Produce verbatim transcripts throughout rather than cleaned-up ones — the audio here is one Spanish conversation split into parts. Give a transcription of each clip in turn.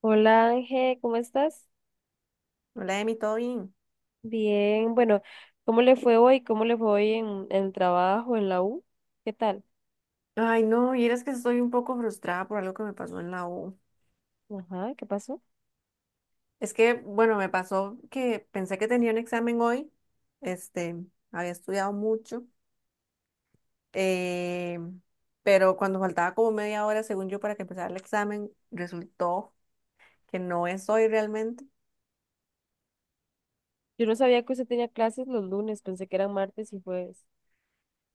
Hola, Ángel, ¿cómo estás? Hola, Emi, ¿todo bien? Bien, bueno, ¿cómo le fue hoy? ¿Cómo le fue hoy en, en el trabajo, en la U? ¿Qué tal? Ay, no, y eres que estoy un poco frustrada por algo que me pasó en la U. Ajá, ¿qué pasó? Es que, bueno, me pasó que pensé que tenía un examen hoy, este, había estudiado mucho, eh, pero cuando faltaba como media hora, según yo, para que empezara el examen, resultó que no es hoy realmente. Yo no sabía que usted tenía clases los lunes, pensé que eran martes y jueves.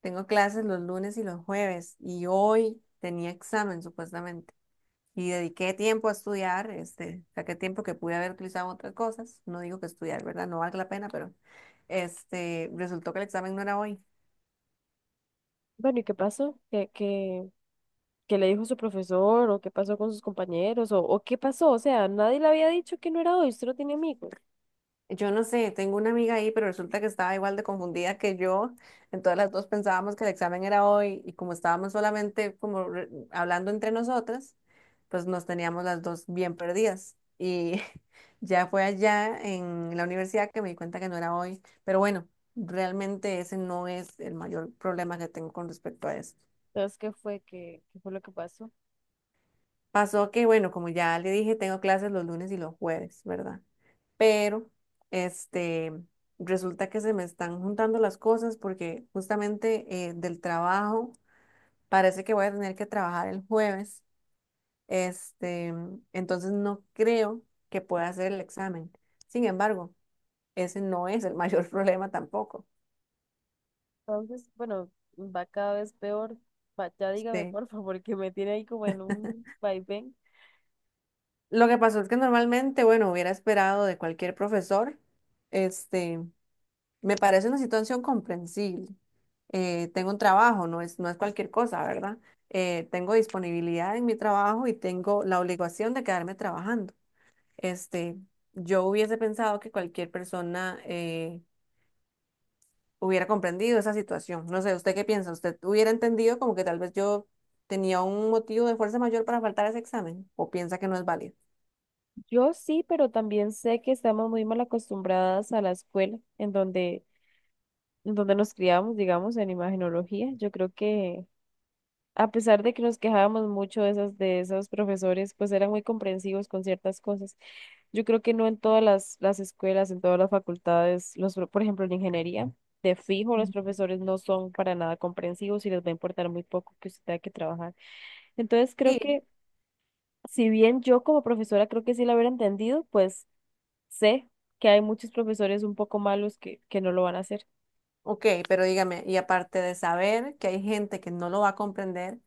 Tengo clases los lunes y los jueves, y hoy tenía examen, supuestamente. Y dediqué tiempo a estudiar, este, saqué tiempo que pude haber utilizado en otras cosas. No digo que estudiar, ¿verdad? No valga la pena, pero este, resultó que el examen no era hoy. Bueno, ¿y qué pasó? ¿Qué, qué, qué le dijo su profesor? ¿O qué pasó con sus compañeros? ¿O, o qué pasó? O sea, nadie le había dicho que no era hoy, usted no tiene amigos. Yo no sé, tengo una amiga ahí, pero resulta que estaba igual de confundida que yo. Entonces las dos pensábamos que el examen era hoy y como estábamos solamente como re- hablando entre nosotras, pues nos teníamos las dos bien perdidas. Y ya fue allá en la universidad que me di cuenta que no era hoy. Pero bueno, realmente ese no es el mayor problema que tengo con respecto a eso. Entonces, ¿qué fue? ¿Qué, qué fue lo que pasó? Pasó que, bueno, como ya le dije, tengo clases los lunes y los jueves, ¿verdad? pero este, resulta que se me están juntando las cosas porque justamente eh, del trabajo parece que voy a tener que trabajar el jueves, este, entonces no creo que pueda hacer el examen. Sin embargo, ese no es el mayor problema tampoco. Entonces, bueno, va cada vez peor. Va, ya dígame, Este, por favor, que me tiene ahí como en un vaivén. lo que pasó es que normalmente, bueno, hubiera esperado de cualquier profesor, este, me parece una situación comprensible. Eh, tengo un trabajo, no es, no es cualquier cosa, ¿verdad? Eh, tengo disponibilidad en mi trabajo y tengo la obligación de quedarme trabajando. Este, yo hubiese pensado que cualquier persona eh, hubiera comprendido esa situación. No sé, ¿usted qué piensa? ¿Usted hubiera entendido como que tal vez yo tenía un motivo de fuerza mayor para faltar a ese examen? ¿O piensa que no es válido? Yo sí, pero también sé que estamos muy mal acostumbradas a la escuela en donde, en donde nos criamos, digamos, en imagenología. Yo creo que a pesar de que nos quejábamos mucho de esas, de esos profesores, pues eran muy comprensivos con ciertas cosas. Yo creo que no en todas las, las escuelas, en todas las facultades, los, pro- por ejemplo, en ingeniería, de fijo los Mm. profesores no son para nada comprensivos y les va a importar muy poco que usted tenga que trabajar. Entonces creo Sí. que si bien yo como profesora creo que sí lo hubiera entendido, pues sé que hay muchos profesores un poco malos que, que no lo van a hacer. Ok, pero dígame, y aparte de saber que hay gente que no lo va a comprender,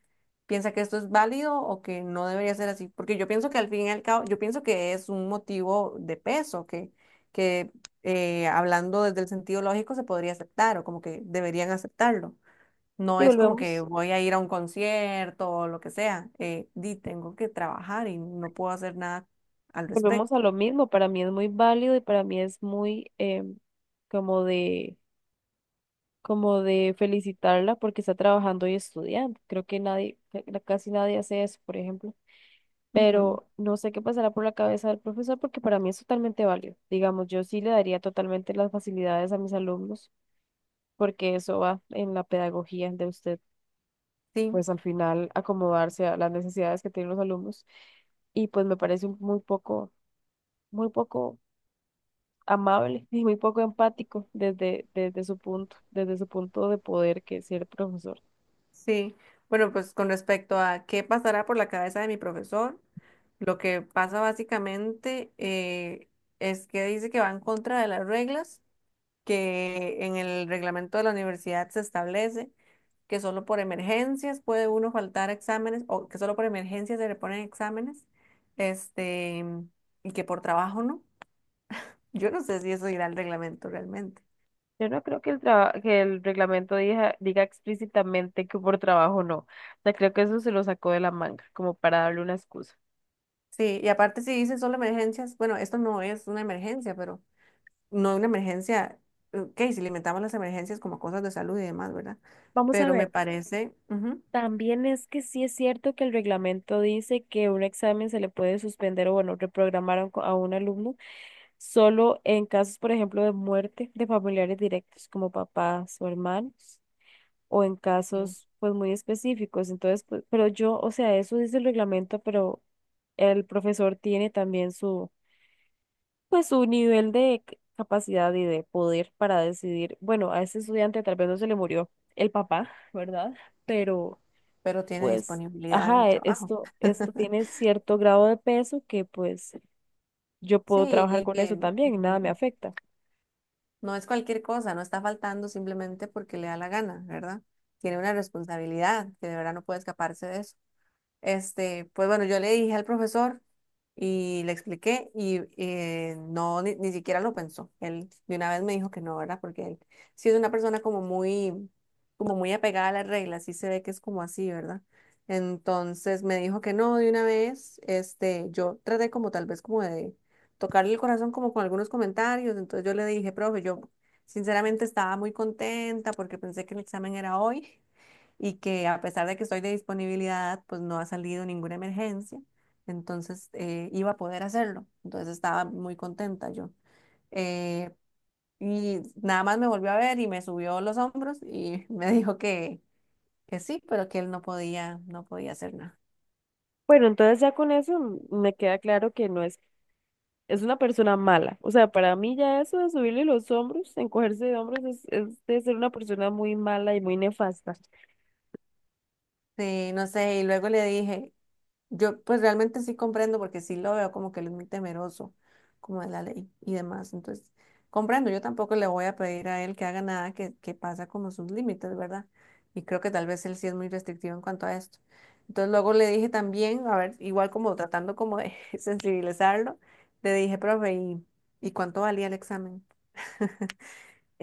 ¿piensa que esto es válido o que no debería ser así? Porque yo pienso que al fin y al cabo, yo pienso que es un motivo de peso, que, que eh, hablando desde el sentido lógico se podría aceptar o como que deberían aceptarlo. No Y es como que volvemos, voy a ir a un concierto o lo que sea. Eh, di, tengo que trabajar y no puedo hacer nada al volvemos a respecto. lo mismo. Para mí es muy válido y para mí es muy em, como de, como de felicitarla porque está trabajando y estudiando. Creo que nadie, ca- casi nadie hace eso, por ejemplo. Ujú. Pero no sé qué pasará por la cabeza del profesor porque para mí es totalmente válido. Digamos, yo sí le daría totalmente las facilidades a mis alumnos porque eso va en la pedagogía de ustedes. Sí. Pues al final acomodarse a las necesidades que tienen los alumnos. Y pues me parece un- muy poco, muy poco amable y muy poco empático desde, desde su punto, desde su punto de poder que es ser profesor. Sí, bueno, pues con respecto a qué pasará por la cabeza de mi profesor, lo que pasa básicamente eh, es que dice que va en contra de las reglas que en el reglamento de la universidad se establece que solo por emergencias puede uno faltar a exámenes o que solo por emergencias se reponen exámenes, este, y que por trabajo no. Yo no sé si eso irá al reglamento realmente. Yo no creo que el traba- que el reglamento diga, diga explícitamente que por trabajo no. O sea, creo que eso se lo sacó de la manga, como para darle una excusa. Sí, y aparte si dice solo emergencias, bueno, esto no es una emergencia, pero no una emergencia, ok, si limitamos las emergencias como cosas de salud y demás, ¿verdad? Vamos a Pero me ver. parece, ujú, También es que sí es cierto que el reglamento dice que un examen se le puede suspender o, bueno, reprogramar a un, co- a un alumno solo en casos, por ejemplo, de muerte de familiares directos como papás o hermanos, o en sí, casos, pues, muy específicos. Entonces, pues, pero yo, o sea, eso dice el reglamento, pero el profesor tiene también su, pues, su nivel de c- capacidad y de poder para decidir, bueno, a ese estudiante tal vez no se le murió el papá, ¿verdad? Pero pero tiene pues, disponibilidad en el ajá, e- trabajo. esto, esto tiene cierto grado de peso que pues yo puedo Sí, trabajar y con que eso también y mm, nada me afecta. no es cualquier cosa, no está faltando simplemente porque le da la gana, ¿verdad? Tiene una responsabilidad que de verdad no puede escaparse de eso. Este, pues bueno, yo le dije al profesor y le expliqué y eh, no, ni, ni siquiera lo pensó. Él de una vez me dijo que no, ¿verdad? Porque él sí es una persona como muy, como muy apegada a las reglas, sí se ve que es como así, ¿verdad? Entonces me dijo que no de una vez. Este, yo traté como tal vez como de tocarle el corazón como con algunos comentarios. Entonces yo le dije, profe, yo sinceramente estaba muy contenta porque pensé que el examen era hoy y que a pesar de que estoy de disponibilidad, pues no ha salido ninguna emergencia, entonces eh, iba a poder hacerlo. Entonces estaba muy contenta yo. Eh, y nada más me volvió a ver y me subió los hombros y me dijo que, que sí, pero que él no podía, no podía hacer nada. Bueno, entonces ya con eso mm, me queda claro que no es, es una persona mala. O sea, para mí ya eso de subirle los hombros, encogerse de hombros, es, es de ser una persona muy mala y muy nefasta. Sí, no sé, y luego le dije, yo pues realmente sí comprendo porque sí lo veo como que él es muy temeroso, como de la ley y demás. Entonces, comprendo, yo tampoco le voy a pedir a él que haga nada que, que pasa como sus límites, ¿verdad? Y creo que tal vez él sí es muy restrictivo en cuanto a esto. Entonces, luego le dije también, a ver, igual como tratando como de sensibilizarlo, le dije, profe, ¿y, y cuánto valía el examen?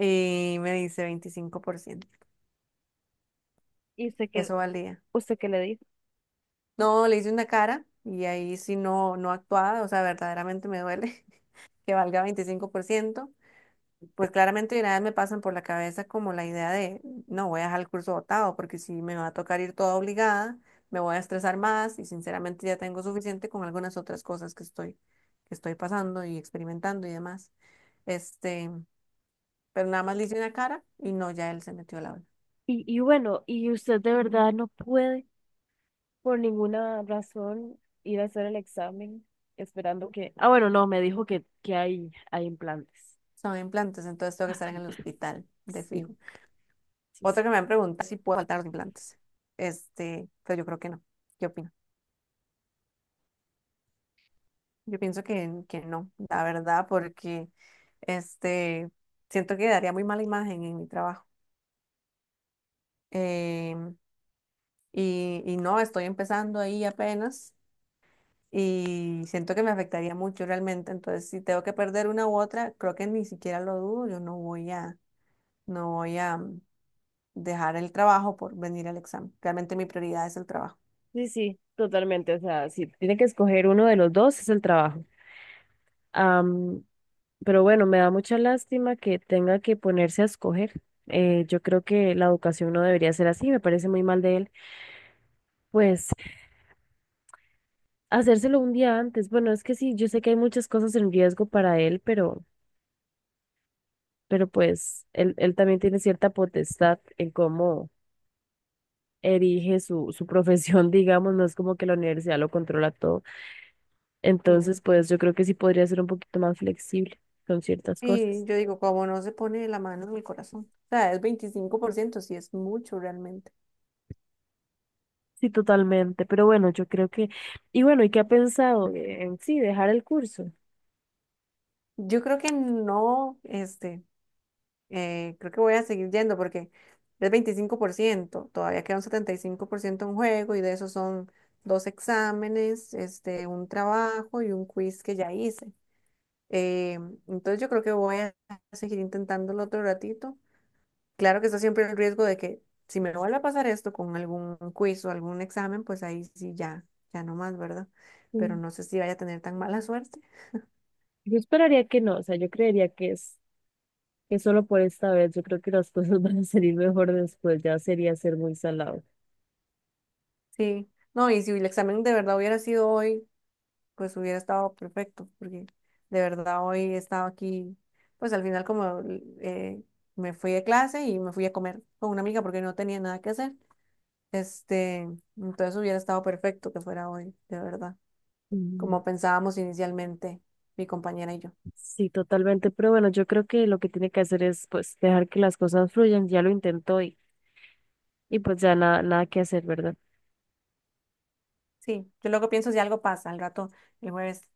Y me dice veinticinco por ciento. ¿Y usted qué, Eso valía. usted qué le dijo? No, le hice una cara y ahí sí no, no actuaba, o sea, verdaderamente me duele que valga veinticinco por ciento. Pues claramente de una vez me pasan por la cabeza como la idea de, no, voy a dejar el curso botado porque si me va a tocar ir toda obligada, me voy a estresar más y sinceramente ya tengo suficiente con algunas otras cosas que estoy, que estoy pasando y experimentando y demás. Este, pero nada más le hice una cara y no, ya él se metió a la aula. Y, y bueno, ¿y usted de verdad no puede por ninguna razón ir a hacer el examen esperando que... Ah, bueno, no, me dijo que, que hay, hay implantes. Son implantes, entonces tengo que estar en el hospital de Sí, fijo. sí, sí, Otra que me han preguntado si puedo faltar los implantes. Este, pero yo creo que no. ¿Qué opino? Yo pienso que, que no, la verdad, porque este, siento que daría muy mala imagen en mi trabajo. Em, y, y no, estoy empezando ahí apenas y siento que me afectaría mucho realmente. Entonces, si tengo que perder una u otra, creo que ni siquiera lo dudo. Yo no voy a, no voy a mm, dejar el trabajo por venir al examen. Realmente mi prioridad es el trabajo. sí, sí, totalmente. O sea, si tiene que escoger uno de los dos, es el trabajo. Am, pero bueno, me da mucha lástima que tenga que ponerse a escoger. Eh, yo creo que la educación no debería ser así, me parece muy mal de él. Pues hacérselo un día antes. Bueno, es que sí, yo sé que hay muchas cosas en riesgo para él, pero, pero pues él, él también tiene cierta potestad en cómo erige su, su profesión, digamos, no es como que la universidad lo controla todo. Sí. Entonces, pues yo creo que sí podría ser un poquito más flexible con ciertas Y cosas. yo digo, como no se pone la mano en el corazón. O sea, es veinticinco por ciento, sí es mucho realmente. Sí, totalmente. Pero bueno, yo creo que... Y bueno, ¿y qué ha pensado en sí dejar el curso? Yo creo que no, este, eh, creo que voy a seguir yendo porque es veinticinco por ciento, todavía queda un setenta y cinco por ciento en juego y de eso son dos exámenes, este, un trabajo y un quiz que ya hice. Eh, entonces yo creo que voy a seguir intentándolo otro ratito. Claro que está siempre el riesgo de que si me vuelve a pasar esto con algún quiz o algún examen, pues ahí sí ya, ya no más, ¿verdad? Pero Mm. no sé si vaya a tener tan mala suerte. Yo esperaría que no, o sea, yo creería que es que solo por esta vez, yo creo que las cosas van a salir mejor después, ya sería ser muy salado. Sí, no, y si el examen de verdad hubiera sido hoy, pues hubiera estado perfecto, porque de verdad hoy he estado aquí, pues al final como eh, me fui de clase y me fui a comer con una amiga porque no tenía nada que hacer, este, entonces hubiera estado perfecto que fuera hoy, de verdad, Mm. como pensábamos inicialmente mi compañera y yo. Sí, totalmente, pero bueno, yo creo que lo que tiene que hacer es pues dejar que las cosas fluyan, ya lo intentó y, y pues ya nada, nada que hacer, ¿verdad? Sí, yo luego pienso si algo pasa al rato, el jueves,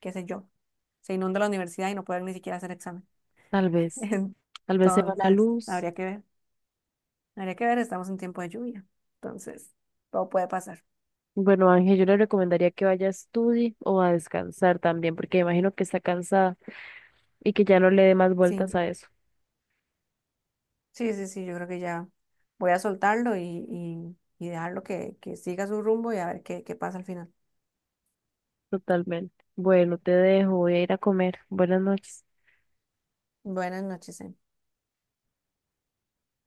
qué sé yo, se inunda la universidad y no pueden ni siquiera hacer examen. Tal vez, tal vez se va la Entonces, luz. habría que ver, habría que ver, estamos en tiempo de lluvia. Entonces, todo puede pasar. Bueno, Ángel, yo le recomendaría que vaya a estudiar o a descansar también, porque imagino que está cansada y que ya no le dé más Sí, vueltas a eso. sí, sí, sí, yo creo que ya voy a soltarlo y, y, y dejarlo que, que siga su rumbo y a ver qué, qué pasa al final. Totalmente. Bueno, te dejo, voy a ir a comer. Buenas noches. Buenas noches, Emi.